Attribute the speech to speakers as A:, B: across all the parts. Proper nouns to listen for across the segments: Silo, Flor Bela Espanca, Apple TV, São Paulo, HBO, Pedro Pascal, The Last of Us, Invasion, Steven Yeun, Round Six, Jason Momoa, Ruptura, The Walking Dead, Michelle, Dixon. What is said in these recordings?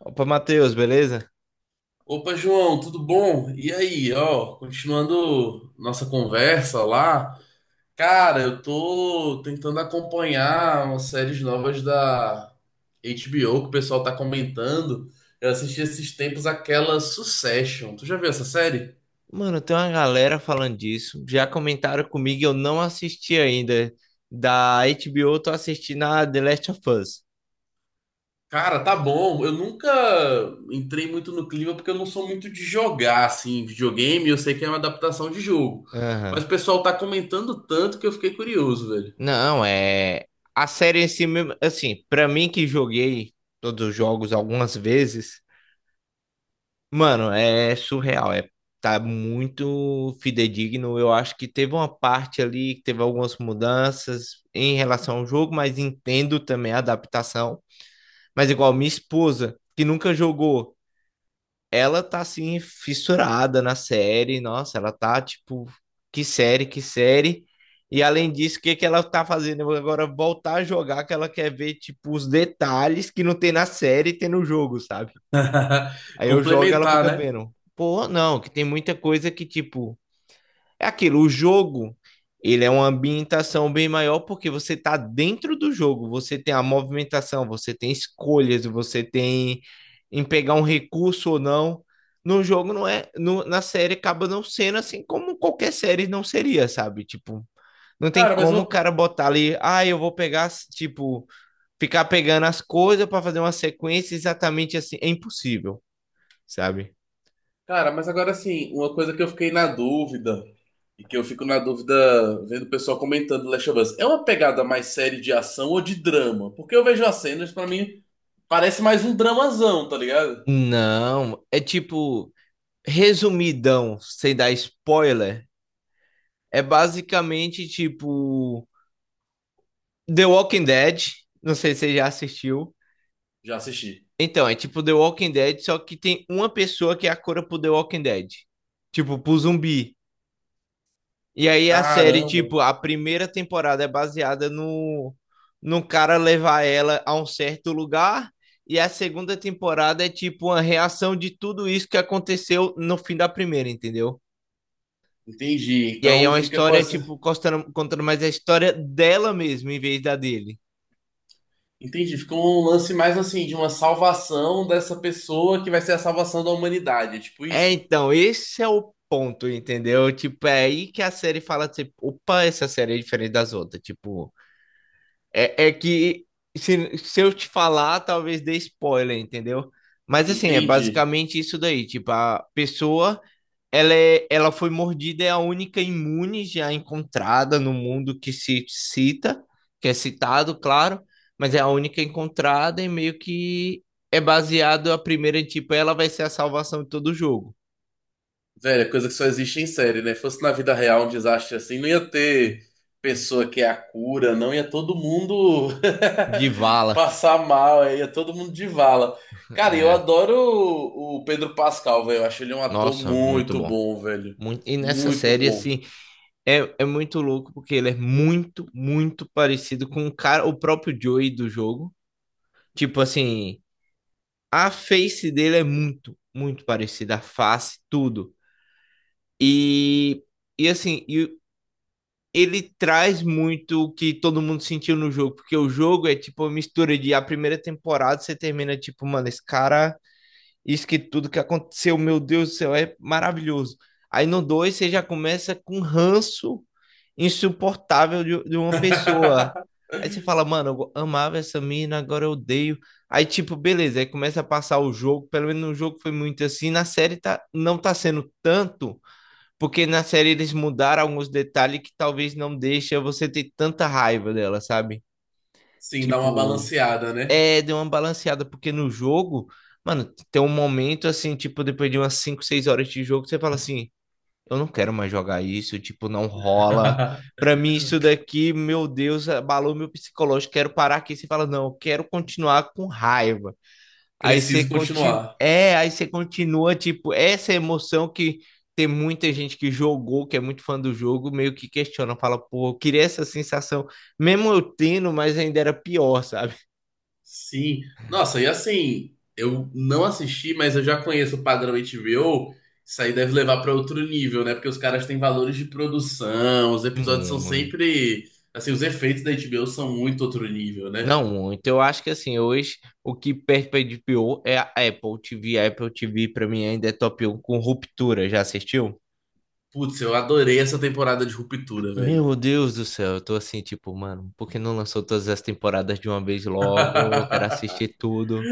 A: Opa, Matheus, beleza?
B: Opa, João, tudo bom? E aí, ó, continuando nossa conversa lá. Cara, eu tô tentando acompanhar umas séries novas da HBO que o pessoal tá comentando. Eu assisti esses tempos aquela Succession. Tu já viu essa série?
A: Mano, tem uma galera falando disso. Já comentaram comigo, e eu não assisti ainda. Da HBO, eu tô assistindo a The Last of Us.
B: Cara, tá bom. Eu nunca entrei muito no clima porque eu não sou muito de jogar assim, videogame. Eu sei que é uma adaptação de jogo. Mas
A: Aham.
B: o pessoal tá comentando tanto que eu fiquei curioso, velho.
A: Não, é. A série em si mesmo, assim, pra mim que joguei todos os jogos algumas vezes, mano, é surreal. É, tá muito fidedigno. Eu acho que teve uma parte ali que teve algumas mudanças em relação ao jogo, mas entendo também a adaptação. Mas igual minha esposa, que nunca jogou, ela tá assim fissurada na série, nossa, ela tá tipo, que série, que série. E além disso, o que que ela tá fazendo agora? Voltar a jogar, que ela quer ver tipo os detalhes que não tem na série e tem no jogo, sabe? Aí eu jogo, e ela
B: Complementar,
A: fica
B: né?
A: vendo. Pô, não, que tem muita coisa que tipo é aquilo, o jogo, ele é uma ambientação bem maior porque você está dentro do jogo, você tem a movimentação, você tem escolhas, você tem em pegar um recurso ou não. No jogo não é, na série acaba não sendo assim, como qualquer série não seria, sabe? Tipo, não tem
B: Cara, mas
A: como o
B: uma
A: cara botar ali, ah, eu vou pegar, tipo, ficar pegando as coisas para fazer uma sequência exatamente assim, é impossível, sabe?
B: Cara, mas agora assim, uma coisa que eu fiquei na dúvida, e que eu fico na dúvida vendo o pessoal comentando Last of Us, é uma pegada mais série de ação ou de drama? Porque eu vejo as cenas, pra mim, parece mais um dramazão, tá ligado?
A: Não, é tipo, resumidão, sem dar spoiler, é basicamente tipo The Walking Dead. Não sei se você já assistiu.
B: Já assisti.
A: Então, é tipo The Walking Dead, só que tem uma pessoa que é a cura pro The Walking Dead. Tipo, pro zumbi. E aí a série,
B: Caramba,
A: tipo, a primeira temporada é baseada no cara levar ela a um certo lugar. E a segunda temporada é tipo uma reação de tudo isso que aconteceu no fim da primeira, entendeu?
B: entendi.
A: E aí é
B: Então
A: uma
B: fica com
A: história, tipo,
B: essa.
A: contando mais a história dela mesmo, em vez da dele.
B: Entendi, fica um lance mais assim, de uma salvação dessa pessoa que vai ser a salvação da humanidade. É tipo
A: É,
B: isso?
A: então, esse é o ponto, entendeu? Tipo, é aí que a série fala, tipo, opa, essa série é diferente das outras. Tipo, é que se eu te falar, talvez dê spoiler, entendeu? Mas assim, é
B: Entendi.
A: basicamente isso daí. Tipo, a pessoa, ela foi mordida, é a única imune já encontrada no mundo que se cita, que é citado, claro, mas é a única encontrada e meio que é baseado a primeira, tipo, ela vai ser a salvação de todo o jogo.
B: Velho, é coisa que só existe em série, né? Fosse na vida real um desastre assim, não ia ter pessoa que é a cura, não ia todo mundo
A: De Vala.
B: passar mal, ia todo mundo de vala. Cara, eu
A: É,
B: adoro o Pedro Pascal, velho. Eu acho ele um ator
A: nossa, muito
B: muito
A: bom.
B: bom, velho.
A: E nessa
B: Muito
A: série,
B: bom.
A: assim, é muito louco porque ele é muito, muito parecido com o cara, o próprio Joey do jogo. Tipo assim, a face dele é muito, muito parecida, a face, tudo. E, e assim, e ele traz muito o que todo mundo sentiu no jogo, porque o jogo é tipo uma mistura de a primeira temporada você termina tipo, mano, esse cara, isso que tudo que aconteceu, meu Deus do céu, é maravilhoso. Aí no 2 você já começa com um ranço insuportável de uma pessoa. Aí você fala, mano, eu amava essa mina, agora eu odeio. Aí tipo, beleza, aí começa a passar o jogo, pelo menos no jogo foi muito assim, na série tá, não tá sendo tanto, porque na série eles mudaram alguns detalhes que talvez não deixa você ter tanta raiva dela, sabe?
B: Sim, dá uma
A: Tipo,
B: balanceada, né?
A: é, deu uma balanceada, porque no jogo, mano, tem um momento assim, tipo, depois de umas 5, 6 horas de jogo, você fala assim, eu não quero mais jogar isso, tipo, não rola. Pra mim, isso daqui, meu Deus, abalou meu psicológico, quero parar aqui. Você fala, não, eu quero continuar com raiva. Aí você
B: Preciso
A: continua,
B: continuar.
A: é, aí você continua, tipo, essa emoção que tem muita gente que jogou, que é muito fã do jogo, meio que questiona, fala, pô, eu queria essa sensação, mesmo eu tendo, mas ainda era pior, sabe?
B: Sim. Nossa, e assim, eu não assisti, mas eu já conheço o padrão HBO. Isso aí deve levar para outro nível, né? Porque os caras têm valores de produção, os episódios são
A: Muito.
B: sempre. Assim, os efeitos da HBO são muito outro nível, né?
A: Não, muito. Eu acho que assim, hoje o que perde pra HBO é a Apple TV. A Apple TV pra mim ainda é top 1 com Ruptura. Já assistiu?
B: Putz, eu adorei essa temporada de Ruptura, velho.
A: Meu Deus do céu, eu tô assim, tipo, mano, por que não lançou todas as temporadas de uma vez logo? Eu quero assistir tudo.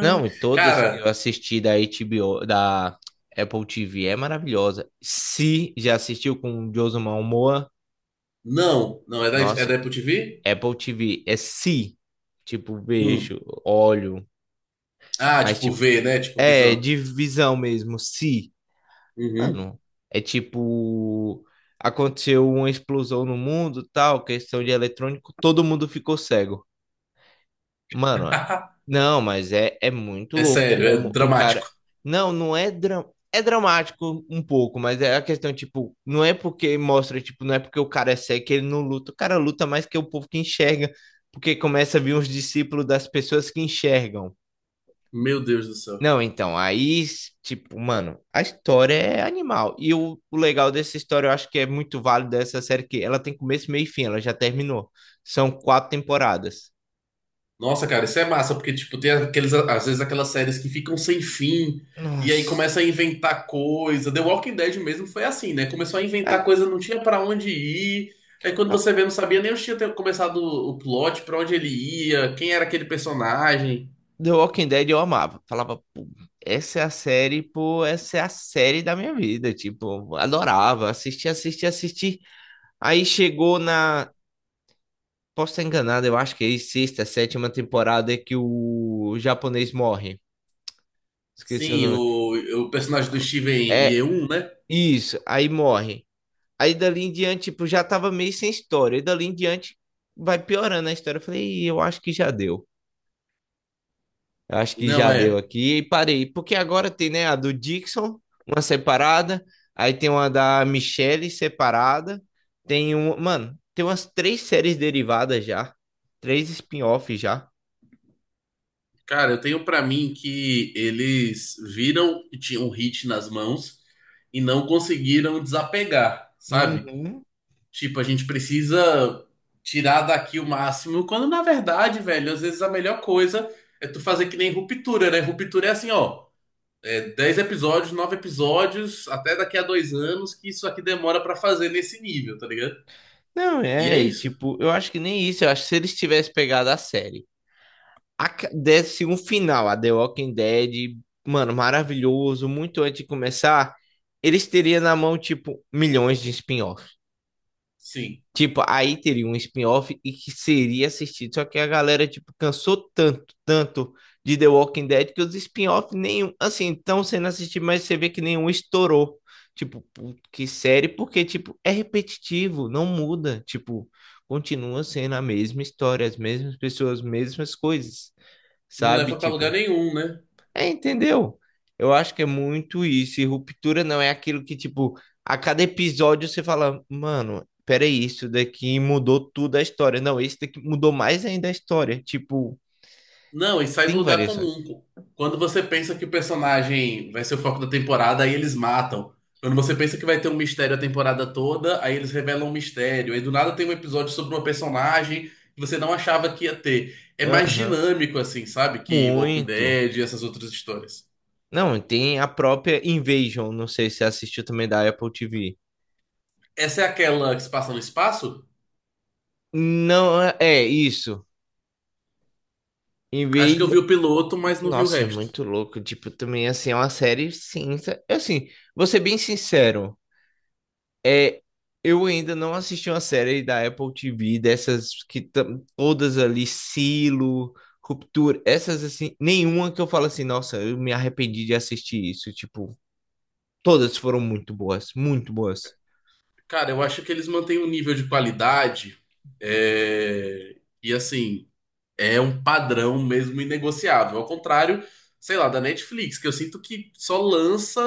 A: Não, e todas que eu
B: Cara,
A: assisti da HBO, da Apple TV é maravilhosa. Se já assistiu com o Jason Momoa,
B: não, não, é da, é
A: nossa,
B: da Apple TV?
A: Apple TV é se, tipo,
B: Hum.
A: beijo, olho,
B: Ah,
A: mas
B: tipo
A: tipo,
B: V, né? Tipo
A: é
B: visão.
A: de visão mesmo, se.
B: Uhum.
A: Mano, é tipo, aconteceu uma explosão no mundo, tal, questão de eletrônico, todo mundo ficou cego. Mano, não, mas é muito
B: É
A: louco
B: sério, é
A: como o cara.
B: dramático.
A: Não, não é. É dramático um pouco, mas é a questão, tipo, não é porque mostra, tipo, não é porque o cara é cego que ele não luta. O cara luta mais que o povo que enxerga, porque começa a vir os discípulos das pessoas que enxergam.
B: Meu Deus do céu.
A: Não, então, aí, tipo, mano, a história é animal. E o legal dessa história, eu acho que é muito válido dessa série, que ela tem começo, meio e fim, ela já terminou. São quatro temporadas.
B: Nossa, cara, isso é massa, porque, tipo, tem aqueles, às vezes aquelas séries que ficam sem fim, e aí começa
A: Nossa.
B: a inventar coisa. The Walking Dead mesmo foi assim, né? Começou a inventar
A: É,
B: coisa, não tinha pra onde ir. Aí quando
A: não.
B: você vê, não sabia nem onde tinha começado o plot, pra onde ele ia, quem era aquele personagem.
A: The Walking Dead eu amava. Falava, pô, essa é a série, pô, essa é a série da minha vida. Tipo, adorava. Assisti, assisti, assisti. Aí chegou na. Posso estar enganado, eu acho que é sexta, sétima temporada que o japonês morre. Esqueci o
B: Sim,
A: nome.
B: o personagem do Steven
A: É
B: Yeun, né?
A: isso, aí morre. Aí dali em diante, tipo, já tava meio sem história. E dali em diante vai piorando a história. Eu falei, "Ih, eu acho que já deu. Eu acho que
B: Não,
A: já
B: é.
A: deu aqui." E parei, porque agora tem, né, a do Dixon, uma separada. Aí tem uma da Michelle separada. Tem um. Mano, tem umas três séries derivadas já. Três spin-offs já.
B: Cara, eu tenho pra mim que eles viram que tinham um hit nas mãos e não conseguiram desapegar, sabe?
A: Uhum.
B: Tipo, a gente precisa tirar daqui o máximo, quando na verdade, velho, às vezes a melhor coisa é tu fazer que nem Ruptura, né? Ruptura é assim, ó, é 10 episódios, 9 episódios, até daqui a dois anos, que isso aqui demora pra fazer nesse nível, tá ligado?
A: Não,
B: E
A: é,
B: é
A: e,
B: isso.
A: tipo, eu acho que nem isso. Eu acho que se eles tivessem pegado a série, desse um final, a The Walking Dead, mano, maravilhoso, muito antes de começar, eles teriam na mão, tipo, milhões de spin-offs.
B: Sim.
A: Tipo, aí teria um spin-off e que seria assistido. Só que a galera, tipo, cansou tanto, tanto de The Walking Dead, que os spin-off nenhum, assim, estão sendo assistidos, mas você vê que nenhum estourou. Tipo, que série, porque, tipo, é repetitivo, não muda. Tipo, continua sendo a mesma história, as mesmas pessoas, as mesmas coisas,
B: Não
A: sabe?
B: leva pra lugar
A: Tipo.
B: nenhum, né?
A: É, entendeu? Eu acho que é muito isso. E Ruptura não é aquilo que, tipo, a cada episódio você fala, mano, peraí, isso daqui mudou tudo a história. Não, esse daqui mudou mais ainda a história. Tipo,
B: Não, e sai do
A: tem
B: lugar
A: variações.
B: comum. Quando você pensa que o personagem vai ser o foco da temporada, aí eles matam. Quando você pensa que vai ter um mistério a temporada toda, aí eles revelam um mistério. Aí do nada tem um episódio sobre uma personagem que você não achava que ia ter. É mais
A: Aham.
B: dinâmico, assim, sabe? Que Walking
A: Muito.
B: Dead e essas outras histórias.
A: Não, tem a própria Invasion. Não sei se você assistiu também da Apple TV.
B: Essa é aquela que se passa no espaço?
A: Não, é isso.
B: Acho que eu
A: Invasion.
B: vi o piloto, mas não vi o
A: Nossa, é
B: resto.
A: muito louco. Tipo, também, assim, é uma série cinza. Assim, vou ser bem sincero. É, eu ainda não assisti uma série da Apple TV, dessas que todas ali, Silo, Ruptura, essas assim, nenhuma que eu falo assim, nossa, eu me arrependi de assistir isso. Tipo, todas foram muito boas, muito boas.
B: Cara, eu acho que eles mantêm um nível de qualidade. é, E assim. É um padrão mesmo inegociável. Ao contrário, sei lá, da Netflix, que eu sinto que só lança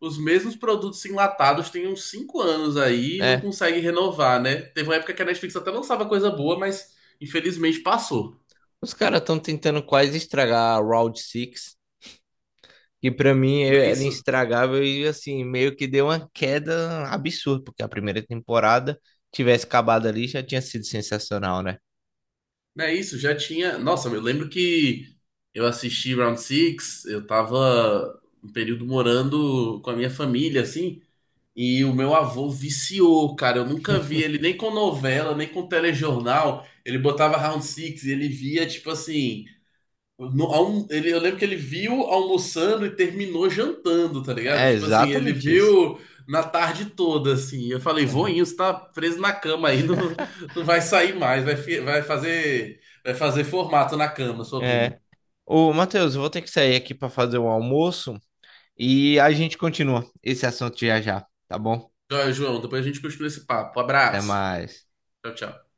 B: os mesmos produtos enlatados tem uns cinco anos aí e não
A: É,
B: consegue renovar, né? Teve uma época que a Netflix até lançava coisa boa, mas infelizmente passou.
A: os caras estão tentando quase estragar a Round Six, que pra mim
B: Não é
A: é, era
B: isso?
A: estragável, e assim, meio que deu uma queda absurda, porque a primeira temporada, tivesse acabado ali, já tinha sido sensacional, né?
B: Não é isso? Já tinha. Nossa, eu lembro que eu assisti Round Six, eu tava um período morando com a minha família, assim. E o meu avô viciou, cara. Eu nunca vi ele nem com novela, nem com telejornal. Ele botava Round Six e ele via, tipo assim. Ele, eu lembro que ele viu almoçando e terminou jantando, tá ligado?
A: É
B: Tipo assim, ele
A: exatamente isso.
B: viu na tarde toda, assim. Eu falei, voinho, você tá preso na cama aí, não, não vai sair mais, vai, vai fazer formato na cama, sua bunda.
A: É. Ô, Matheus, eu vou ter que sair aqui para fazer um almoço e a gente continua esse assunto já já, tá bom?
B: Joia, João, depois a gente continua esse papo.
A: Até
B: Abraço.
A: mais.
B: Tchau, tchau.